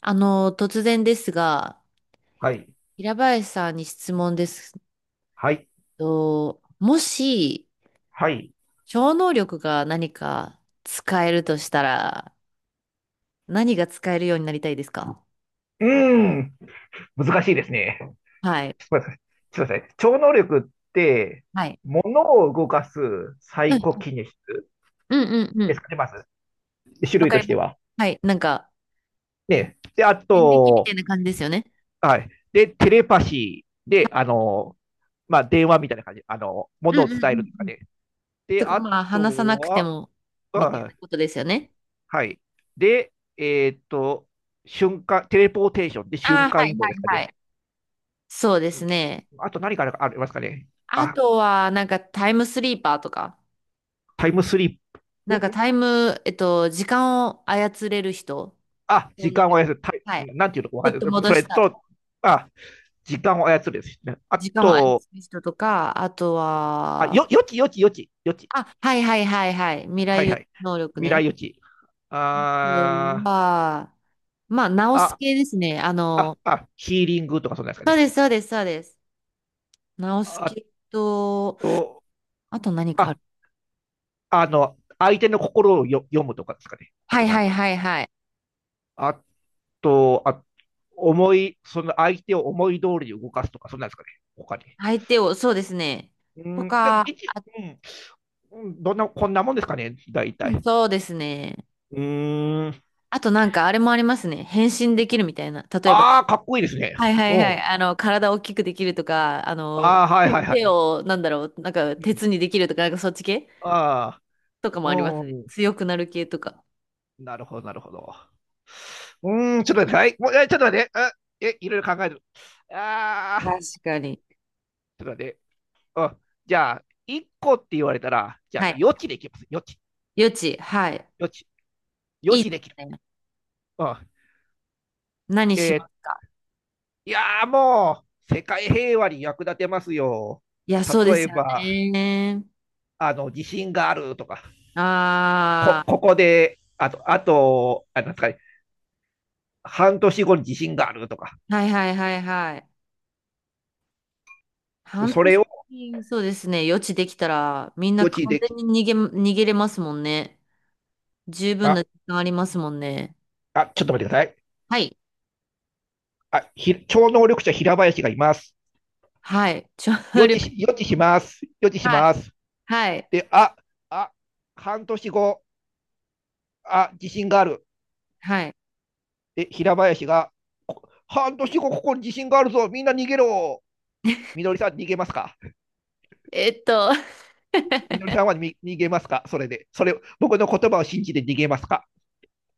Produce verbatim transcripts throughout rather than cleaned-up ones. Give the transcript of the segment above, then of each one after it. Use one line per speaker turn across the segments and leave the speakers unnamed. あの、突然ですが、
はい。
平林さんに質問です、
はい。
と、もし、
はい。
超能力が何か使えるとしたら、何が使えるようになりたいですか？
うーん。難しいですね。
はい。
ちょっと待ってください。ちょっと待ってください超能力って、
はい。
物を動かすサ
う
イ
ん、
コキネシス
うん、うん、う
です
ん。
かね、まず。種
わ
類
か
と
り
し
ま
て
す。
は。
はい。なんか、
ね。で、あ
遍歴みた
と、
いな感じですよね。
はい。で、テレパシーで、あの、まあ、電話みたいな感じ。あの、物
う
を
ん、うん、
伝
う
える
ん
と
う
か
ん。
ね。で、
とか、
あ
まあ、
と
話さなくて
は、
も、みたい
あ
なことですよね。
はい。で、えーっと、瞬間、テレポーテーションで
あ
瞬
あ、は
間移
い、
動
は
です
い、
か
は
ね。
い。そうで
う
す
ん、
ね。
あと何かありますかね。
あ
あ、
とは、なんか、タイムスリーパーとか。
タイムスリップ、
なん
ん、
かタイム、えっと、時間を操れる人
あ、
の
時
能
間を
力。
操る、タイ
はい。
なんていうのかわ
ちょ
か
っ
ん
と
ない。
戻
そ
し
れ
た。
と、あ、時間を操るですね。あ
時間を操
と、
る人とか、あと
あ、
は、
よ、予知、予知、予知、予知。
あ、はいはいはいはい。未
は
来
い
予
は
測
い。
能力
未
ね。
来予知。
うん
あー、
は、まあ、直す
あ、
系ですね。あ
あ、
の、
あ、ヒーリングとかそんなんですか
そう
ね。
ですそうですそうです。直す
あ
系と、
と、
あと何かあ
あ、
る？
あの、相手の心をよ読むとかですかね。あ
は
と、
い
な
は
ん
い
か、
はいはい。
あと、あ、思い、その相手を思い通りに動かすとか、そんなんですかね。他に。
相手を、そうですね。
う
と
ん、でも
か、
一、
あ、
うん、どんな、こんなもんですかね、大
うん
体。
そうですね。
うーん。
あとなんかあれもありますね。変身できるみたいな。例えば、
ああ、かっこいいですね。
はいはいは
うん。
い。あの、体大きくできるとか、あ
あ
の、
あ、はい
手
はいは
手
い。
を、なんだろう、なんか、
うん。
鉄にできるとか、なんかそっち系
あ
とかも
あ、
あります
う
ね。
ん。
強くなる系とか。
なるほど、なるほど。うーん、ちょっと待って、はい。もう、え、ちょっと待って。あ、え、いろいろ考える。ああ、ちょっ
確かに。
と待って。うん。じゃあ、いっこって言われたら、じゃあ、
はい。
予知できます。予知、
余地。はい。
予知、予
いい
知
で
できる。
すね。
うん。
何
え、
しま
ー
すか？
いやー、もう、世界平和に役立てますよ。
いや、そうで
例
す
え
よ
ば、
ね。
あの、地震があるとか。こ、
あ
ここで、あと、あと、あ、なんですかね、半年後に地震があるとか、
あ、はいはいはいはい。半
それを
年、そうですね。余地できたら、みんな
予知
完
でき、
全に逃げま、逃げれますもんね。十分
あ、
な時間ありますもんね。
あ、ちょっと待ってください。
はい。
あ、ひ、超能力者平林がいます。
はい。調
予知
力。
し、予知します。予知 し
はい。
ます。
はい。
で、あ、あ、半年後、あ、地震がある。
はい。
で、平林が、半年後ここに地震があるぞ。みんな逃げろ。みのりさん逃げますか。
えっと、
みのりさんは逃げますかそれで。それ、僕の言葉を信じて逃げますか。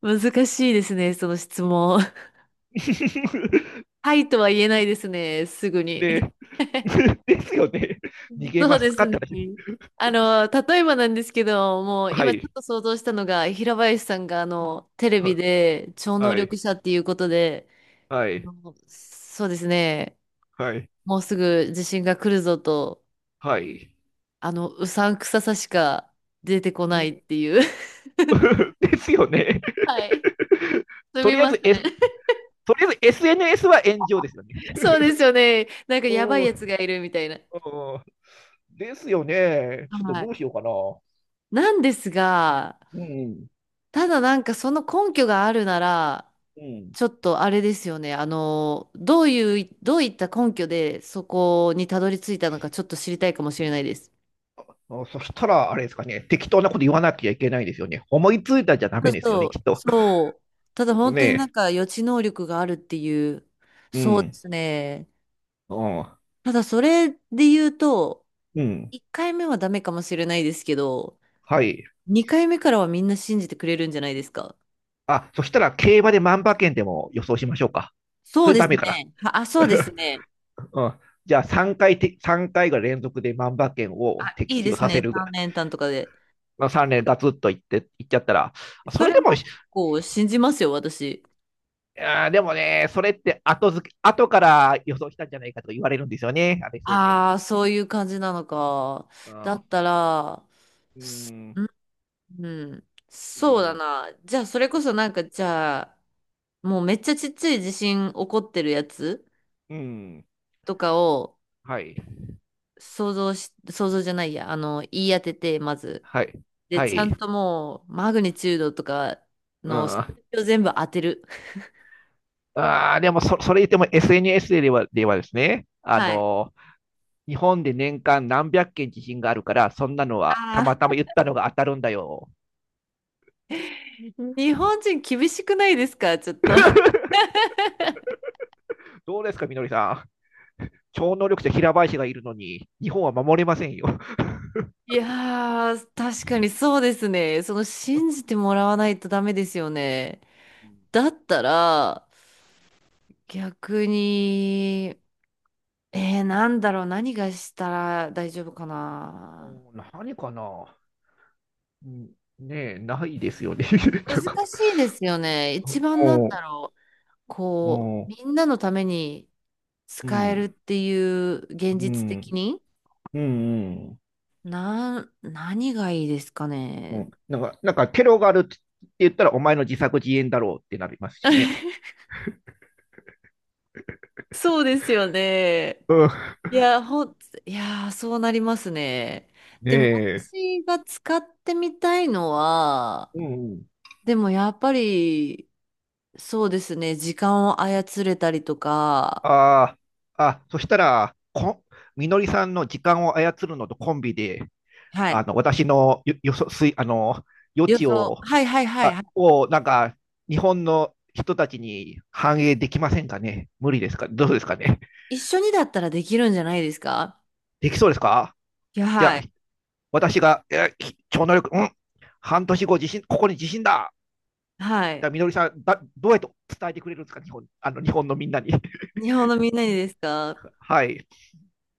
難しいですね、その質問。はいとは言えないですね、すぐに。
で、ですよね。逃げ
そ
ま
うで
すか
す
って
ね。
話。
あの、例えばなんですけど、もう
は
今ちょっ
い。
と想像したのが、平林さんがあの、テレビ
は、
で超能
は
力
い。
者っていうことで、
は
あ
い。
のそうですね、
はい。
もうすぐ地震が来るぞと、
はい。
あの、うさんくささしか出てこ
う
ない
ん。
っていう。
ですよね。
はい。す
と
み
りあえ
ま
ず、
せ
S、
ん。
とりあえず エスエヌエス は炎上ですよね。
そうですよね。なんか
う
やば
ん。
い
う
やつ
ん、
がいるみたいな。
ですよね。ちょっと
は
ど
い
うしようかな。
なんですが、
うん。
ただなんかその根拠があるなら、
うん。
ちょっとあれですよね。あの、どういう、どういった根拠でそこにたどり着いたのかちょっと知りたいかもしれないです。
あ、そしたら、あれですかね。適当なこと言わなきゃいけないですよね。思いついたじゃダ
そ
メ
う
ですよ
そ
ね、
う、
きっと。
そう。ただ本
ね
当になんか予知能力があるっていう、
え。う
そうで
ん。
すね。
うん。
ただそれで言うと、
うん。
いっかいめはダメかもしれないですけど、
はい。
にかいめからはみんな信じてくれるんじゃないですか？
あ、そしたら競馬で万馬券でも予想しましょうか。
そ
そ
う
れ
で
ダ
す
メかな。
ね。あ、あそうです ね。
うん、じゃあさんかいて、さんかいが連続で万馬券
あ、
を的
いいで
中
す
させ
ね。
るぐ
さん
らい。
連単とかで。
まあ、さん連ガツッといって、いっちゃったら、そ
そ
れ
れ
でも
も
い、
結構信じますよ、私。
やーでもね、それって後付け、後から予想したんじゃないかとか言われるんですよね、あれ エスエヌエス
あ
で。
あ、そういう感じなのか。
う
だ
ん、
ったら、
う
す
ん、
うん、うん、
う
そうだ
ん、
な。じゃあ、それこそなんか、じゃあ、もうめっちゃちっちゃい地震起こってるやつ
うん、
とかを
はい、
想像し、想像じゃないや、あの、言い当てて、まず。
はい、
で、
は
ちゃ
い。
んともう、マグニチュードとか
うん、
の数
あ
字を全部当てる。
あ、でもそ、それ言っても エスエヌエス では、ではですね、あ
はい。
のー日本で年間なんびゃっけん地震があるから、そんなのは
あ
た
あ、
またま言ったのが当たるんだよ。
日本人厳しくないですか、ちょっと。
どうですか、みのりさん。超能力者平林がいるのに、日本は守れませんよ。
いやー、確かにそうですね。その信じてもらわないとダメですよね。だったら、逆に、えー、なんだろう、何がしたら大丈夫かな。
何かな、ねえ、ないですよね。な
難
んか、
しいですよね。一番なん
お
だろう、こう、
お、
みんなのために
う
使
ん、
える
う
っていう現
ん、
実
う
的
ん、
に、
うん。
なん、何がいいですか
う
ね。
ん、なんか、なんか、テロがあるって言ったら、お前の自作自演だろうってなりますしね。
そうですよね。
うん、
いや、ほん、いやー、そうなりますね。
ね
でも
え。
私が使ってみたいのは、
うん、
でもやっぱり、そうですね、時間を操れたりとか、
ああ、あ、そしたら、こ、みのりさんの時間を操るのとコンビで、
は
あ
い。
の、私のよ、よそ、すい、あの、余
予
地
想、
を、
はいはいはいは
あ、
い。
を、なんか、日本の人たちに反映できませんかね。無理ですか。どうですかね。
一緒にだったらできるんじゃないですか？
できそうですか。
いや、
じ
は
ゃあ、
い。
私が、えー、超能力、うん、半年後、地震、ここに地震だ。
は
じゃ
い。
あ、みのりさん、だ、どうやって伝えてくれるんですか、日本、あの、日本のみんなに。
日本のみんなにですか？
はい。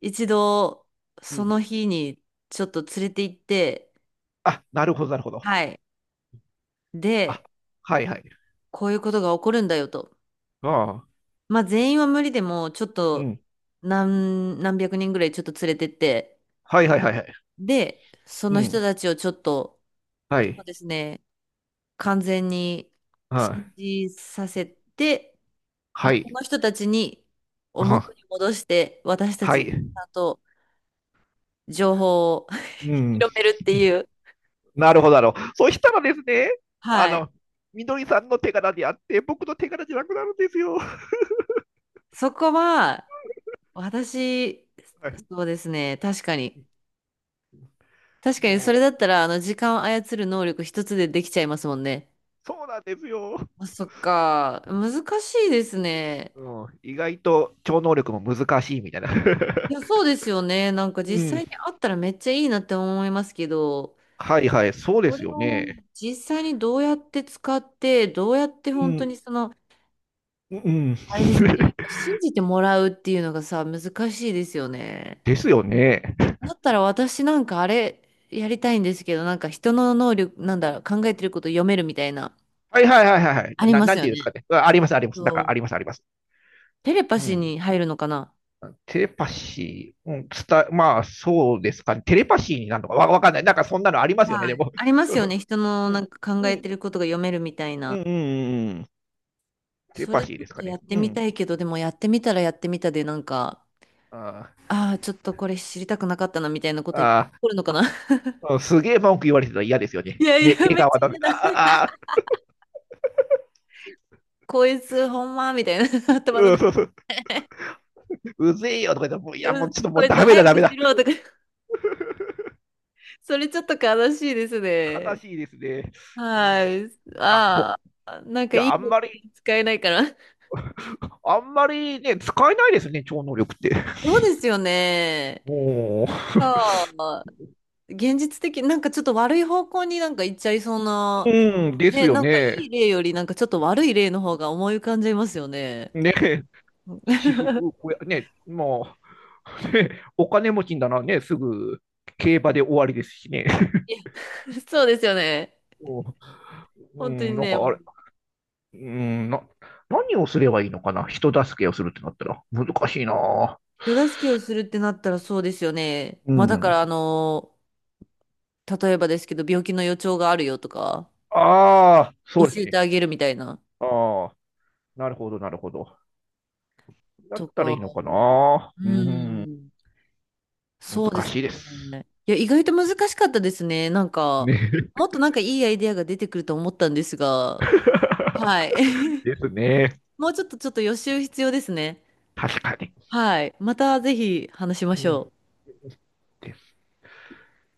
一度、
う
そ
ん、
の日にちょっと連れて行って、
あ、なるほど、なるほど。
はい。で、
あ、はい、はい。
こういうことが起こるんだよと。
ああ。
まあ全員は無理でも、ちょっ
う
と
ん、
何、なんびゃくにんぐらいちょっと連れてって、
はいはいはいはい。
で、そ
う
の人
ん。
たちをちょっと、
は
そう
い。
ですね、完全に
は
信
い。
じさせて、
は
で、こ
い。
の人たちに、を元
あ、
に戻して、私た
は
ち、ち
い。
ゃんと情報を
う ん。
広めるっていう、
なるほど、なるほど。そしたらですね、あ
はい。
の、みどりさんの手柄であって、僕の手柄じゃなくなるんですよ。
そこは、私、
はい。
そうですね、確かに。確かに、
も
それ
う、
だったら、あの、時間を操る能力一つでできちゃいますもんね。
そうなんですよ。
あ、そっか。難しいですね。
うん。意外と超能力も難しいみたいな。
いや、そうですよね。なんか
う
実際
ん。
にあったらめっちゃいいなって思いますけど、
はいはい。そうで
そ
す
れ
よ
を
ね。
実際にどうやって使って、どうやって
う
本当
ん。
にその、
うん。
あれですよね。やっぱ信じてもらうっていうのがさ、難しいですよね。
ですよね。
だったら私なんかあれやりたいんですけど、なんか人の能力、なんだろう、考えてること読めるみたいな、
はいはいはいはいはい。
あり
な、
ま
な
す
んて
よ
いうん
ね。
ですかね。あ、ありますあります。なん
そ
かあ
う。
りますあります。
テレパ
う
シー
ん。
に入るのかな？
テレパシー、うん、伝え、まあ、そうですかね。テレパシーになるのかわ、わかんない。なんかそんなのありますよね、
は
で
い。
も。
ありますよね。人 の
う
なん
ん、
か考
う
え
ん、
てることが読めるみたい
うん、う
な。
ん、うん。テレ
そ
パ
れち
シー
ょっ
です
と
か
や
ね。
って
う
み
ん。
たいけど、でもやってみたらやってみたで、なんか、
あー、
ああ、ちょっとこれ知りたくなかったなみたいなこといっぱい起
あ
こるのかな。
ー、うん、すげえ文句言われてたら嫌ですよ
い
ね。
やい
ね、
や、
笑
めっち
顔は
ゃ
ダメ。
嫌
あ
だ。
あ、ああ、
こいつ、ほんまみたいな 頭の
う
中。
ん、そうそう、うぜえよとか言ったら、もう
い
い
や
や、もうちょっと、も
こ
う
いつ
ダメだ、
早
ダ
く
メ
し
だ。
ろとか、それちょっと悲しいです
悲
ね。
しいですね。うん、
はい。
なんかほ、い
ああ、なんかい
や、あ
い
ん
方
まり、
向に使えないから。
あんまりね、使えないですね、超能力って。
そうですよね。
も
ああ現実的、なんかちょっと悪い方向になんか行っちゃいそう
う、
な、
うん、です
ね、
よ
なんかい
ね。
い例よりなんかちょっと悪い例の方が思い浮かんじゃいますよね。
ね、私服、これね、もう、ね、お金持ちんだな、ね、すぐ競馬で終わりですしね。
そうですよね。
う
本当に
ん、なん
ね、
かあれ、うんな、何をすればいいのかな、人助けをするってなったら、難しいな。
手助けをするってなったらそうですよね。
う
まあだから
ん。
あの、例えばですけど、病気の予兆があるよとか、
ああ、そ
教
うです
え
ね。
てあげるみたいな、
ああ、なるほど、なるほど。だっ
と
たら
か、
いいのかな。
う
うん、
ん、そうで
難
す
しいです。
ね。いや、意外と難しかったですね。なんか、
ね。
もっとなんかいいアイデアが出てくると思ったんですが、はい。
ですね。
もうちょっとちょっと予習必要ですね。
確かに。
はい。またぜひ話しま
う
し
ん、
ょう。
で